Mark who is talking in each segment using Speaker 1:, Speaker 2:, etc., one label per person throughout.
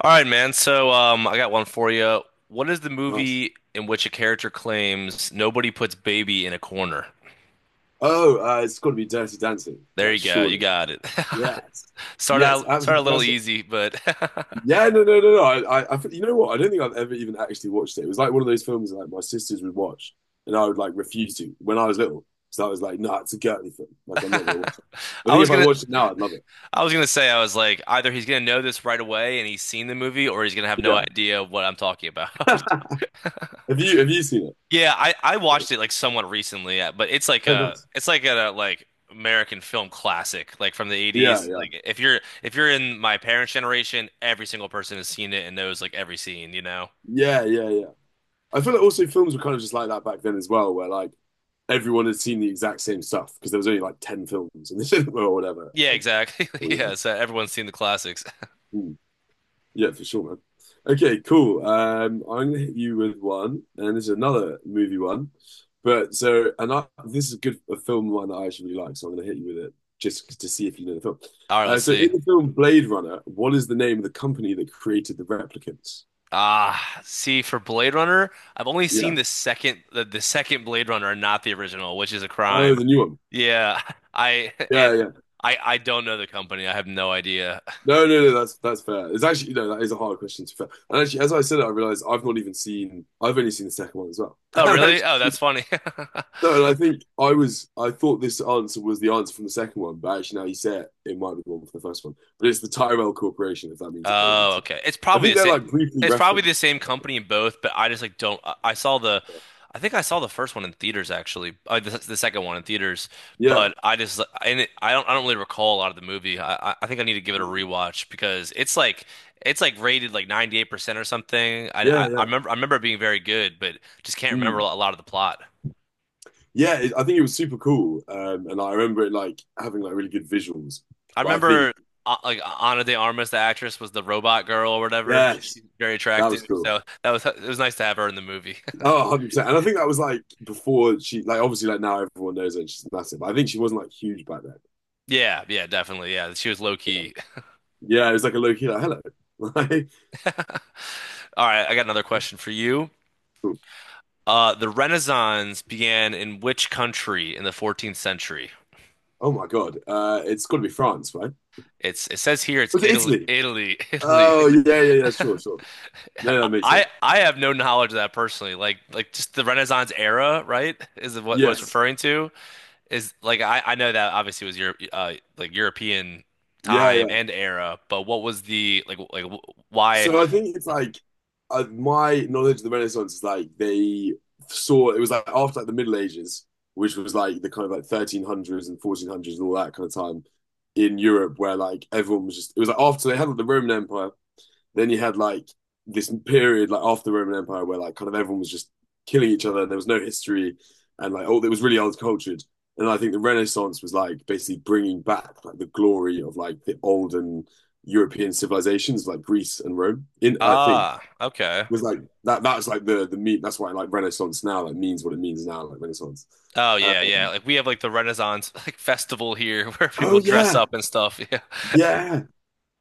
Speaker 1: All right, man. I got one for you. What is the
Speaker 2: Nice.
Speaker 1: movie in which a character claims nobody puts baby in a corner?
Speaker 2: Oh, it's got to be Dirty Dancing,
Speaker 1: There
Speaker 2: right?
Speaker 1: you go. You
Speaker 2: Surely.
Speaker 1: got it.
Speaker 2: Yes. Yes,
Speaker 1: Start a
Speaker 2: absolutely
Speaker 1: little
Speaker 2: classic.
Speaker 1: easy, but
Speaker 2: Yeah, no, no, no, no. Think- you know what? I don't think I've ever even actually watched it. It was like one of those films that like my sisters would watch, and I would like refuse to when I was little. So I was like, "Nah, it's a girly film. Like, I'm not gonna watch it." I
Speaker 1: I
Speaker 2: think
Speaker 1: was
Speaker 2: if I
Speaker 1: gonna,
Speaker 2: watched it now, I'd love it.
Speaker 1: I was gonna say, I was like, either he's gonna know this right away and he's seen the movie, or he's gonna have no
Speaker 2: Yeah.
Speaker 1: idea what I'm talking about.
Speaker 2: Have you seen
Speaker 1: Yeah, I
Speaker 2: it?
Speaker 1: watched it like somewhat recently, yeah, but it's like
Speaker 2: Oh,
Speaker 1: a
Speaker 2: nice.
Speaker 1: it's like a like American film classic, like from the
Speaker 2: Yeah,
Speaker 1: 80s.
Speaker 2: yeah,
Speaker 1: Like if you're in my parents' generation, every single person has seen it and knows like every scene.
Speaker 2: yeah, yeah, yeah. I feel like also films were kind of just like that back then as well, where like everyone had seen the exact same stuff because there was only like 10 films and the or whatever.
Speaker 1: Yeah,
Speaker 2: Like,
Speaker 1: exactly.
Speaker 2: oh yeah.
Speaker 1: Yeah, so everyone's seen the classics.
Speaker 2: Hmm. Yeah, for sure, man. Okay, cool. I'm gonna hit you with one, and this is another movie one. But so, this is a good a film one that I actually really like, so I'm gonna hit you with it just to see if you know the film.
Speaker 1: All right,
Speaker 2: Uh,
Speaker 1: let's
Speaker 2: so in
Speaker 1: see.
Speaker 2: the film Blade Runner, what is the name of the company that created the replicants?
Speaker 1: Ah, see for Blade Runner, I've only
Speaker 2: Yeah.
Speaker 1: seen the second Blade Runner and not the original, which is a
Speaker 2: Oh,
Speaker 1: crime.
Speaker 2: the new one.
Speaker 1: Yeah, I
Speaker 2: Yeah,
Speaker 1: and
Speaker 2: yeah.
Speaker 1: I don't know the company. I have no idea.
Speaker 2: No, no, no, that's fair. It's actually, no, that is a hard question to be fair. And actually, as I said it, I realized I've not even seen, I've only seen the second one as well.
Speaker 1: Oh,
Speaker 2: And
Speaker 1: really? Oh,
Speaker 2: actually,
Speaker 1: that's funny.
Speaker 2: no, and I think I was, I thought this answer was the answer from the second one, but actually now you say it, it might be the one for the first one. But it's the Tyrell Corporation, if that means anything
Speaker 1: Oh,
Speaker 2: to you.
Speaker 1: okay. It's
Speaker 2: I
Speaker 1: probably
Speaker 2: think
Speaker 1: the
Speaker 2: they're
Speaker 1: same.
Speaker 2: like briefly
Speaker 1: It's probably
Speaker 2: referenced.
Speaker 1: the same company in both, but I just like don't. I saw I think I saw the first one in theaters actually. The second one in theaters,
Speaker 2: Yeah,
Speaker 1: but I just and it, I don't. I don't really recall a lot of the movie. I think I need to give it a rewatch because it's like rated like 98% or something. I
Speaker 2: yeah,
Speaker 1: I, I
Speaker 2: yeah.
Speaker 1: remember I remember it being very good, but just can't remember
Speaker 2: Mm.
Speaker 1: a lot of the plot.
Speaker 2: Yeah, it, I think it was super cool. And I remember it like having like really good visuals.
Speaker 1: I
Speaker 2: But I think,
Speaker 1: remember like Ana de Armas, the actress, was the robot girl or whatever.
Speaker 2: yes,
Speaker 1: She's very
Speaker 2: that
Speaker 1: attractive,
Speaker 2: was cool.
Speaker 1: so that was it was nice to have her in the movie.
Speaker 2: Oh, 100%. And I think that was like before she like obviously like now everyone knows her and she's massive. But I think she wasn't like huge back then.
Speaker 1: Yeah, yeah, definitely. Yeah, she was low key.
Speaker 2: Yeah, it was like a low key like hello. Like,
Speaker 1: All right, I got another question for you. The Renaissance began in which country in the 14th century?
Speaker 2: oh my God. It's gotta be France, right?
Speaker 1: It says here it's
Speaker 2: Was it
Speaker 1: Italy,
Speaker 2: Italy?
Speaker 1: Italy, Italy.
Speaker 2: Oh yeah, yeah, yeah, sure, sure. No, that makes sense.
Speaker 1: I have no knowledge of that personally. Like just the Renaissance era, right? Is what it's
Speaker 2: Yes.
Speaker 1: referring to. Is like I know that obviously was Europe, like European
Speaker 2: Yeah,
Speaker 1: time
Speaker 2: yeah.
Speaker 1: and era, but what was the like why?
Speaker 2: So I think it's like my knowledge of the Renaissance is like they saw it was like after like the Middle Ages, which was like the kind of like 1300s and 1400s and all that kind of time in Europe, where like everyone was just it was like after they had like, the Roman Empire, then you had like this period like after the Roman Empire where like kind of everyone was just killing each other. There was no history, and like oh, it was really old cultured. And I think the Renaissance was like basically bringing back like the glory of like the olden European civilizations like Greece and Rome. In I think
Speaker 1: Ah, okay.
Speaker 2: was like that. That's like the meat. That's why like Renaissance now like means what it means now like Renaissance.
Speaker 1: Oh yeah, yeah.
Speaker 2: Um,
Speaker 1: Like we have like the Renaissance like festival here where
Speaker 2: oh
Speaker 1: people dress
Speaker 2: yeah,
Speaker 1: up and stuff. Yeah.
Speaker 2: yeah,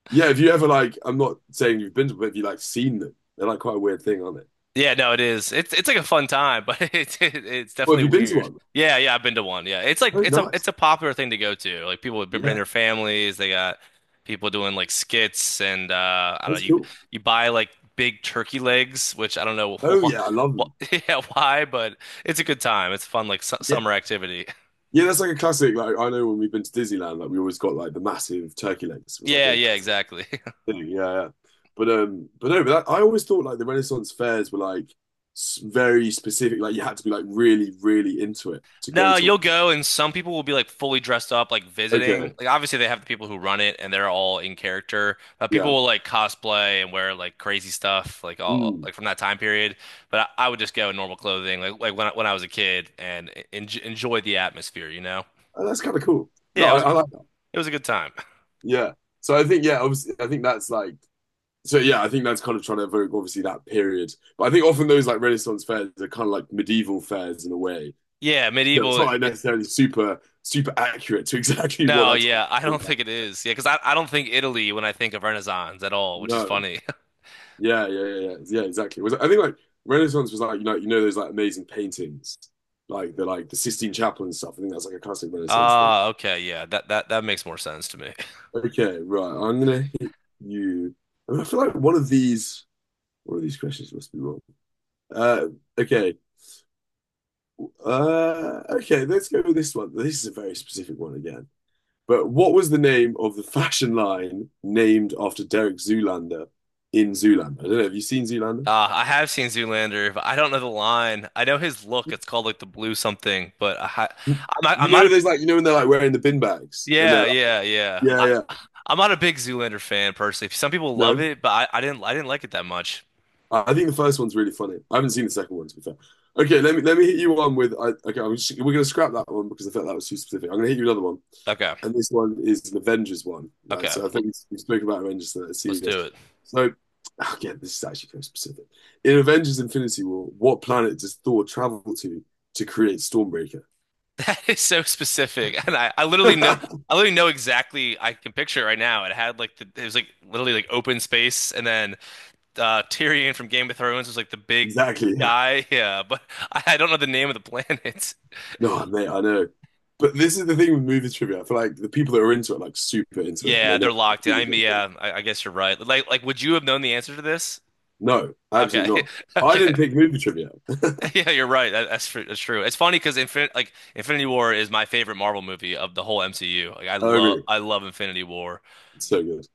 Speaker 2: yeah. If you ever like, I'm not saying you've been to, but have you like seen them? They're like quite a weird thing, aren't they?
Speaker 1: Yeah, no, it is. It's like a fun time, but it's
Speaker 2: Well, have
Speaker 1: definitely
Speaker 2: you been to
Speaker 1: weird.
Speaker 2: one?
Speaker 1: Yeah, yeah, I've been to one. Yeah. It's like
Speaker 2: Oh,
Speaker 1: it's
Speaker 2: nice.
Speaker 1: a popular thing to go to. Like people have been bringing
Speaker 2: Yeah,
Speaker 1: their families, they got people doing like skits and I don't know,
Speaker 2: that's cool.
Speaker 1: you buy like big turkey legs, which I don't know
Speaker 2: Oh
Speaker 1: why,
Speaker 2: yeah, I love them.
Speaker 1: yeah, why, but it's a good time. It's fun like su
Speaker 2: Yeah,
Speaker 1: summer activity.
Speaker 2: yeah, that's like a classic. Like I know when we've been to Disneyland, like we always got like the massive turkey legs. It was like
Speaker 1: Yeah,
Speaker 2: a
Speaker 1: yeah,
Speaker 2: classic
Speaker 1: exactly.
Speaker 2: thing. Yeah, yeah. But no, but that, I always thought like the Renaissance fairs were like s- very specific. Like you had to be like really, really into it to go
Speaker 1: No,
Speaker 2: to
Speaker 1: you'll go, and some people will be like fully dressed up, like
Speaker 2: one. Okay,
Speaker 1: visiting. Like obviously they have the people who run it, and they're all in character. But people
Speaker 2: yeah,
Speaker 1: will like cosplay and wear like crazy stuff, like all
Speaker 2: mm.
Speaker 1: like from that time period. But I would just go in normal clothing, like when I was a kid, and en enjoy the atmosphere.
Speaker 2: Oh, that's kind of cool. No,
Speaker 1: Yeah,
Speaker 2: I like that.
Speaker 1: it was a good time.
Speaker 2: Yeah. So I think yeah, obviously, I think that's like so yeah, I think that's kind of trying to evoke obviously that period. But I think often those like Renaissance fairs are kind of like medieval fairs in a way.
Speaker 1: Yeah,
Speaker 2: You know, it's
Speaker 1: medieval.
Speaker 2: not like necessarily super super accurate to exactly what
Speaker 1: No,
Speaker 2: that time
Speaker 1: yeah, I
Speaker 2: was
Speaker 1: don't think it
Speaker 2: like.
Speaker 1: is. Yeah, because I don't think Italy when I think of Renaissance at all, which is
Speaker 2: No,
Speaker 1: funny.
Speaker 2: yeah, yeah, yeah, yeah, yeah, exactly. It was I think like Renaissance was like you know those like amazing paintings, like the Sistine Chapel and stuff. I think that's like a classic Renaissance thing.
Speaker 1: Ah, okay, yeah, that makes more sense to me.
Speaker 2: Okay, right. I'm gonna hit you. I mean, I feel like one of these questions must be wrong. Uh, okay. Okay, let's go with this one. This is a very specific one again. But what was the name of the fashion line named after Derek Zoolander in Zoolander? I don't know. Have you seen Zoolander?
Speaker 1: I have seen Zoolander, but I don't know the line. I know his look. It's called like the blue something, but
Speaker 2: You
Speaker 1: I'm not
Speaker 2: know,
Speaker 1: a,
Speaker 2: there's like, you know, when they're like wearing the bin bags and they're
Speaker 1: yeah,
Speaker 2: like,
Speaker 1: yeah, yeah.
Speaker 2: yeah, yeah,
Speaker 1: I'm not a big Zoolander fan personally. Some people love
Speaker 2: no.
Speaker 1: it, but I didn't like it that much.
Speaker 2: I think the first one's really funny. I haven't seen the second one, to be fair. Okay, let me hit you one with I, okay. I'm just, we're gonna scrap that one because I felt that was too specific. I'm gonna hit you another one,
Speaker 1: Okay,
Speaker 2: and this one is an Avengers one, right?
Speaker 1: okay,
Speaker 2: So I
Speaker 1: well,
Speaker 2: think we spoke about Avengers, so let's see
Speaker 1: let's
Speaker 2: this.
Speaker 1: do it.
Speaker 2: So again, this is actually very specific. In Avengers: Infinity War, what planet does Thor travel to create Stormbreaker?
Speaker 1: That is so specific, and I literally know exactly. I can picture it right now. It had it was like literally like open space, and then Tyrion from Game of Thrones was like the big
Speaker 2: Exactly. Yeah.
Speaker 1: guy. Yeah, but I don't know the name of the planet.
Speaker 2: No, mate, I know. But this is the thing with movie trivia. I feel like the people that are into it, like super into it, and
Speaker 1: Yeah,
Speaker 2: they know
Speaker 1: they're locked in.
Speaker 2: all
Speaker 1: I
Speaker 2: these
Speaker 1: mean,
Speaker 2: little things.
Speaker 1: yeah, I guess you're right. Would you have known the answer to this?
Speaker 2: No,
Speaker 1: Okay,
Speaker 2: absolutely not. I didn't
Speaker 1: okay.
Speaker 2: pick movie trivia.
Speaker 1: Yeah, you're right. That's true. That's true. It's funny because Infinity War is my favorite Marvel movie of the whole MCU. Like,
Speaker 2: Oh, really?
Speaker 1: I love Infinity War,
Speaker 2: It's so good.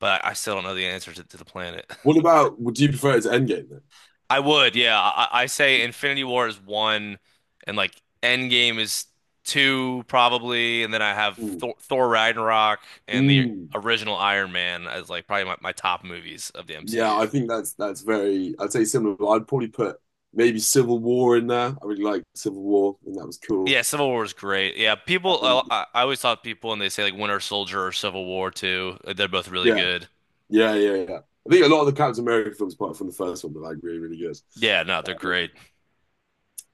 Speaker 1: but I still don't know the answer to the planet.
Speaker 2: What about, would you prefer it to Endgame then?
Speaker 1: I would, yeah. I say Infinity War is one, and like Endgame is two probably, and then I have
Speaker 2: Mm.
Speaker 1: Thor Ragnarok and the
Speaker 2: Mm.
Speaker 1: original Iron Man as like probably my top movies of the
Speaker 2: Yeah,
Speaker 1: MCU.
Speaker 2: I think that's very, I'd say similar, but I'd probably put maybe Civil War in there. I really liked Civil War, and that was cool.
Speaker 1: Yeah, Civil War is great. Yeah, people.
Speaker 2: And
Speaker 1: I always thought people when they say like Winter Soldier or Civil War too, they're both really
Speaker 2: yeah,
Speaker 1: good.
Speaker 2: yeah, yeah, yeah. I think a lot of the Captain America films, apart from the first one, were like really, really good.
Speaker 1: Yeah, no, they're
Speaker 2: Um,
Speaker 1: great.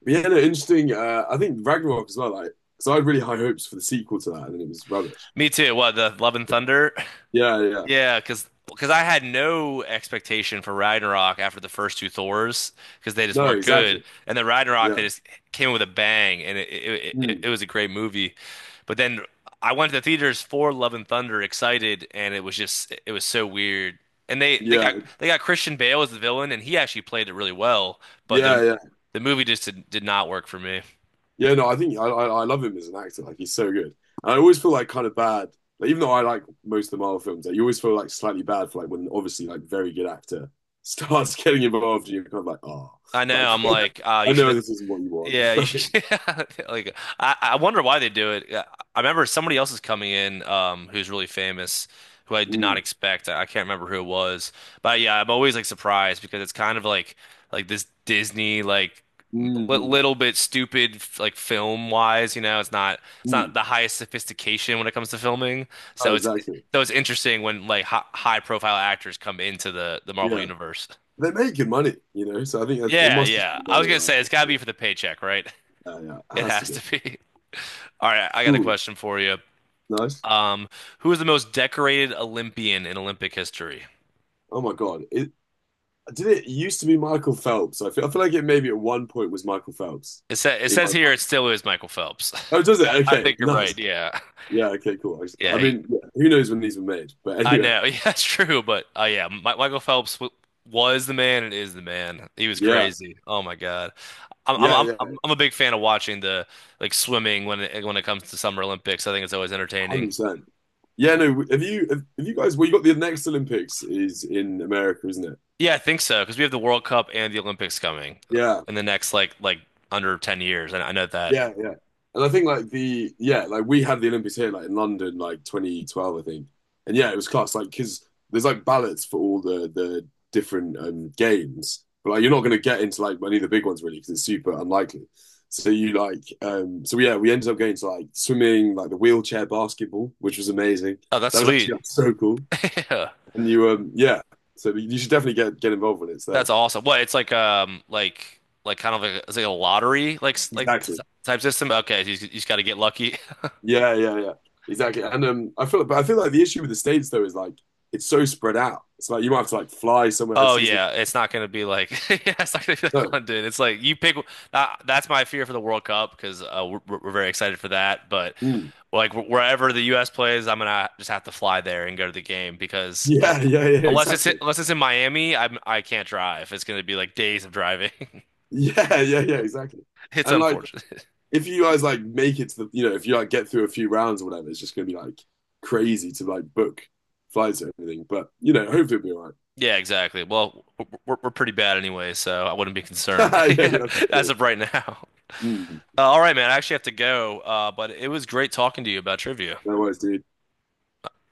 Speaker 2: but yeah, no, interesting. I think Ragnarok as well, like, because I had really high hopes for the sequel to that, and then it was rubbish.
Speaker 1: Me too. What, the Love and Thunder?
Speaker 2: Yeah, yeah, yeah.
Speaker 1: Yeah, because I had no expectation for Ragnarok after the first two Thors because they just
Speaker 2: No,
Speaker 1: weren't good,
Speaker 2: exactly.
Speaker 1: and then Ragnarok
Speaker 2: Yeah.
Speaker 1: they just came with a bang, and it it, it
Speaker 2: Mm.
Speaker 1: it was a great movie. But then I went to the theaters for Love and Thunder excited, and it was so weird. And
Speaker 2: Yeah,
Speaker 1: they got Christian Bale as the villain, and he actually played it really well, but
Speaker 2: yeah, yeah,
Speaker 1: the movie just did not work for me.
Speaker 2: yeah. No, I think I love him as an actor. Like he's so good. And I always feel like kind of bad. Like even though I like most of the Marvel films, like, you always feel like slightly bad for like when obviously like very good actor starts getting involved, and you're kind of like, oh,
Speaker 1: I
Speaker 2: like
Speaker 1: know. I'm like,
Speaker 2: I
Speaker 1: you
Speaker 2: know
Speaker 1: should.
Speaker 2: this isn't what you want.
Speaker 1: Yeah,
Speaker 2: It's
Speaker 1: you
Speaker 2: like,
Speaker 1: should. Yeah, like, I wonder why they do it. I remember somebody else is coming in, who's really famous, who I did not
Speaker 2: mm,
Speaker 1: expect. I can't remember who it was, but yeah, I'm always like surprised because it's kind of like this Disney like li
Speaker 2: mm,
Speaker 1: little bit stupid like film wise. You know, it's not
Speaker 2: mm.
Speaker 1: the highest sophistication when it comes to filming.
Speaker 2: Oh,
Speaker 1: So it's
Speaker 2: exactly.
Speaker 1: so it's interesting when like hi high profile actors come into the Marvel
Speaker 2: Yeah,
Speaker 1: universe.
Speaker 2: they're making money. So I think that's, it
Speaker 1: Yeah,
Speaker 2: must just
Speaker 1: yeah.
Speaker 2: be
Speaker 1: I was
Speaker 2: money,
Speaker 1: gonna
Speaker 2: right?
Speaker 1: say it's gotta be for the paycheck, right?
Speaker 2: Yeah, yeah, it
Speaker 1: It
Speaker 2: has to
Speaker 1: has
Speaker 2: be.
Speaker 1: to be. All right, I got a
Speaker 2: Cool,
Speaker 1: question for you.
Speaker 2: nice.
Speaker 1: Um, who is the most decorated Olympian in Olympic history?
Speaker 2: Oh my God, it, did it used to be Michael Phelps? I feel like it maybe at one point was Michael Phelps
Speaker 1: It
Speaker 2: in my
Speaker 1: says here
Speaker 2: mind.
Speaker 1: it still is Michael Phelps.
Speaker 2: Oh, does it?
Speaker 1: I
Speaker 2: Okay,
Speaker 1: think you're
Speaker 2: nice.
Speaker 1: right. Yeah.
Speaker 2: Yeah, okay, cool. I
Speaker 1: Yeah, he-
Speaker 2: mean, yeah, who knows when these were made? But
Speaker 1: I
Speaker 2: anyway,
Speaker 1: know. Yeah, that's true, but yeah, Michael Phelps w was the man and is the man. He was
Speaker 2: yeah,
Speaker 1: crazy. Oh my God. I'm I'm
Speaker 2: yeah,
Speaker 1: I'm
Speaker 2: yeah,
Speaker 1: I'm I'm a big fan of watching the like swimming when it comes to Summer Olympics. I think it's always entertaining.
Speaker 2: 100%. Yeah, no, have you guys, well, you got the next Olympics is in America, isn't it?
Speaker 1: Yeah, I think so because we have the World Cup and the Olympics coming
Speaker 2: Yeah.
Speaker 1: in the next like under 10 years. And I know that.
Speaker 2: Yeah, yeah. And I think like the yeah, like we had the Olympics here like in London like 2012 I think. And yeah, it was class like cuz there's like ballots for all the different games. But like you're not going to get into like any of the big ones really cuz it's super unlikely. So you like so yeah, we ended up going to like swimming, like the wheelchair basketball, which was amazing.
Speaker 1: Oh, that's
Speaker 2: That was
Speaker 1: sweet.
Speaker 2: actually like, so cool.
Speaker 1: Yeah.
Speaker 2: And you yeah, so you should definitely get involved when it's there.
Speaker 1: That's awesome. What, it's like it's like a lottery like s- like t
Speaker 2: Exactly.
Speaker 1: type system. Okay, so you just got to get lucky.
Speaker 2: Yeah, yeah, yeah. Exactly. And I feel, but I feel like the issue with the States though is like it's so spread out. It's like you might have to like fly somewhere and
Speaker 1: Oh
Speaker 2: see some.
Speaker 1: yeah, it's not going to be like yeah, it's not going to be like
Speaker 2: No.
Speaker 1: London. It's like you pick. That's my fear for the World Cup because we're very excited for that. But
Speaker 2: Mm.
Speaker 1: like wherever the U.S. plays, I'm gonna just have to fly there and go to the game
Speaker 2: Yeah, yeah, yeah.
Speaker 1: unless it's
Speaker 2: Exactly.
Speaker 1: unless it's in Miami, I can't drive. It's going to be like days of driving.
Speaker 2: Yeah, yeah, yeah. Exactly.
Speaker 1: It's
Speaker 2: And like,
Speaker 1: unfortunate.
Speaker 2: if you guys like make it to the, you know, if you like get through a few rounds or whatever, it's just gonna be like crazy to like book flights and everything. But you know, hopefully it'll be all right.
Speaker 1: Yeah, exactly. Well, we're pretty bad anyway, so I wouldn't be concerned
Speaker 2: Yeah, yeah. That's
Speaker 1: as
Speaker 2: it.
Speaker 1: of right now.
Speaker 2: Mm.
Speaker 1: All right, man. I actually have to go. But it was great talking to you about trivia.
Speaker 2: No worries, dude.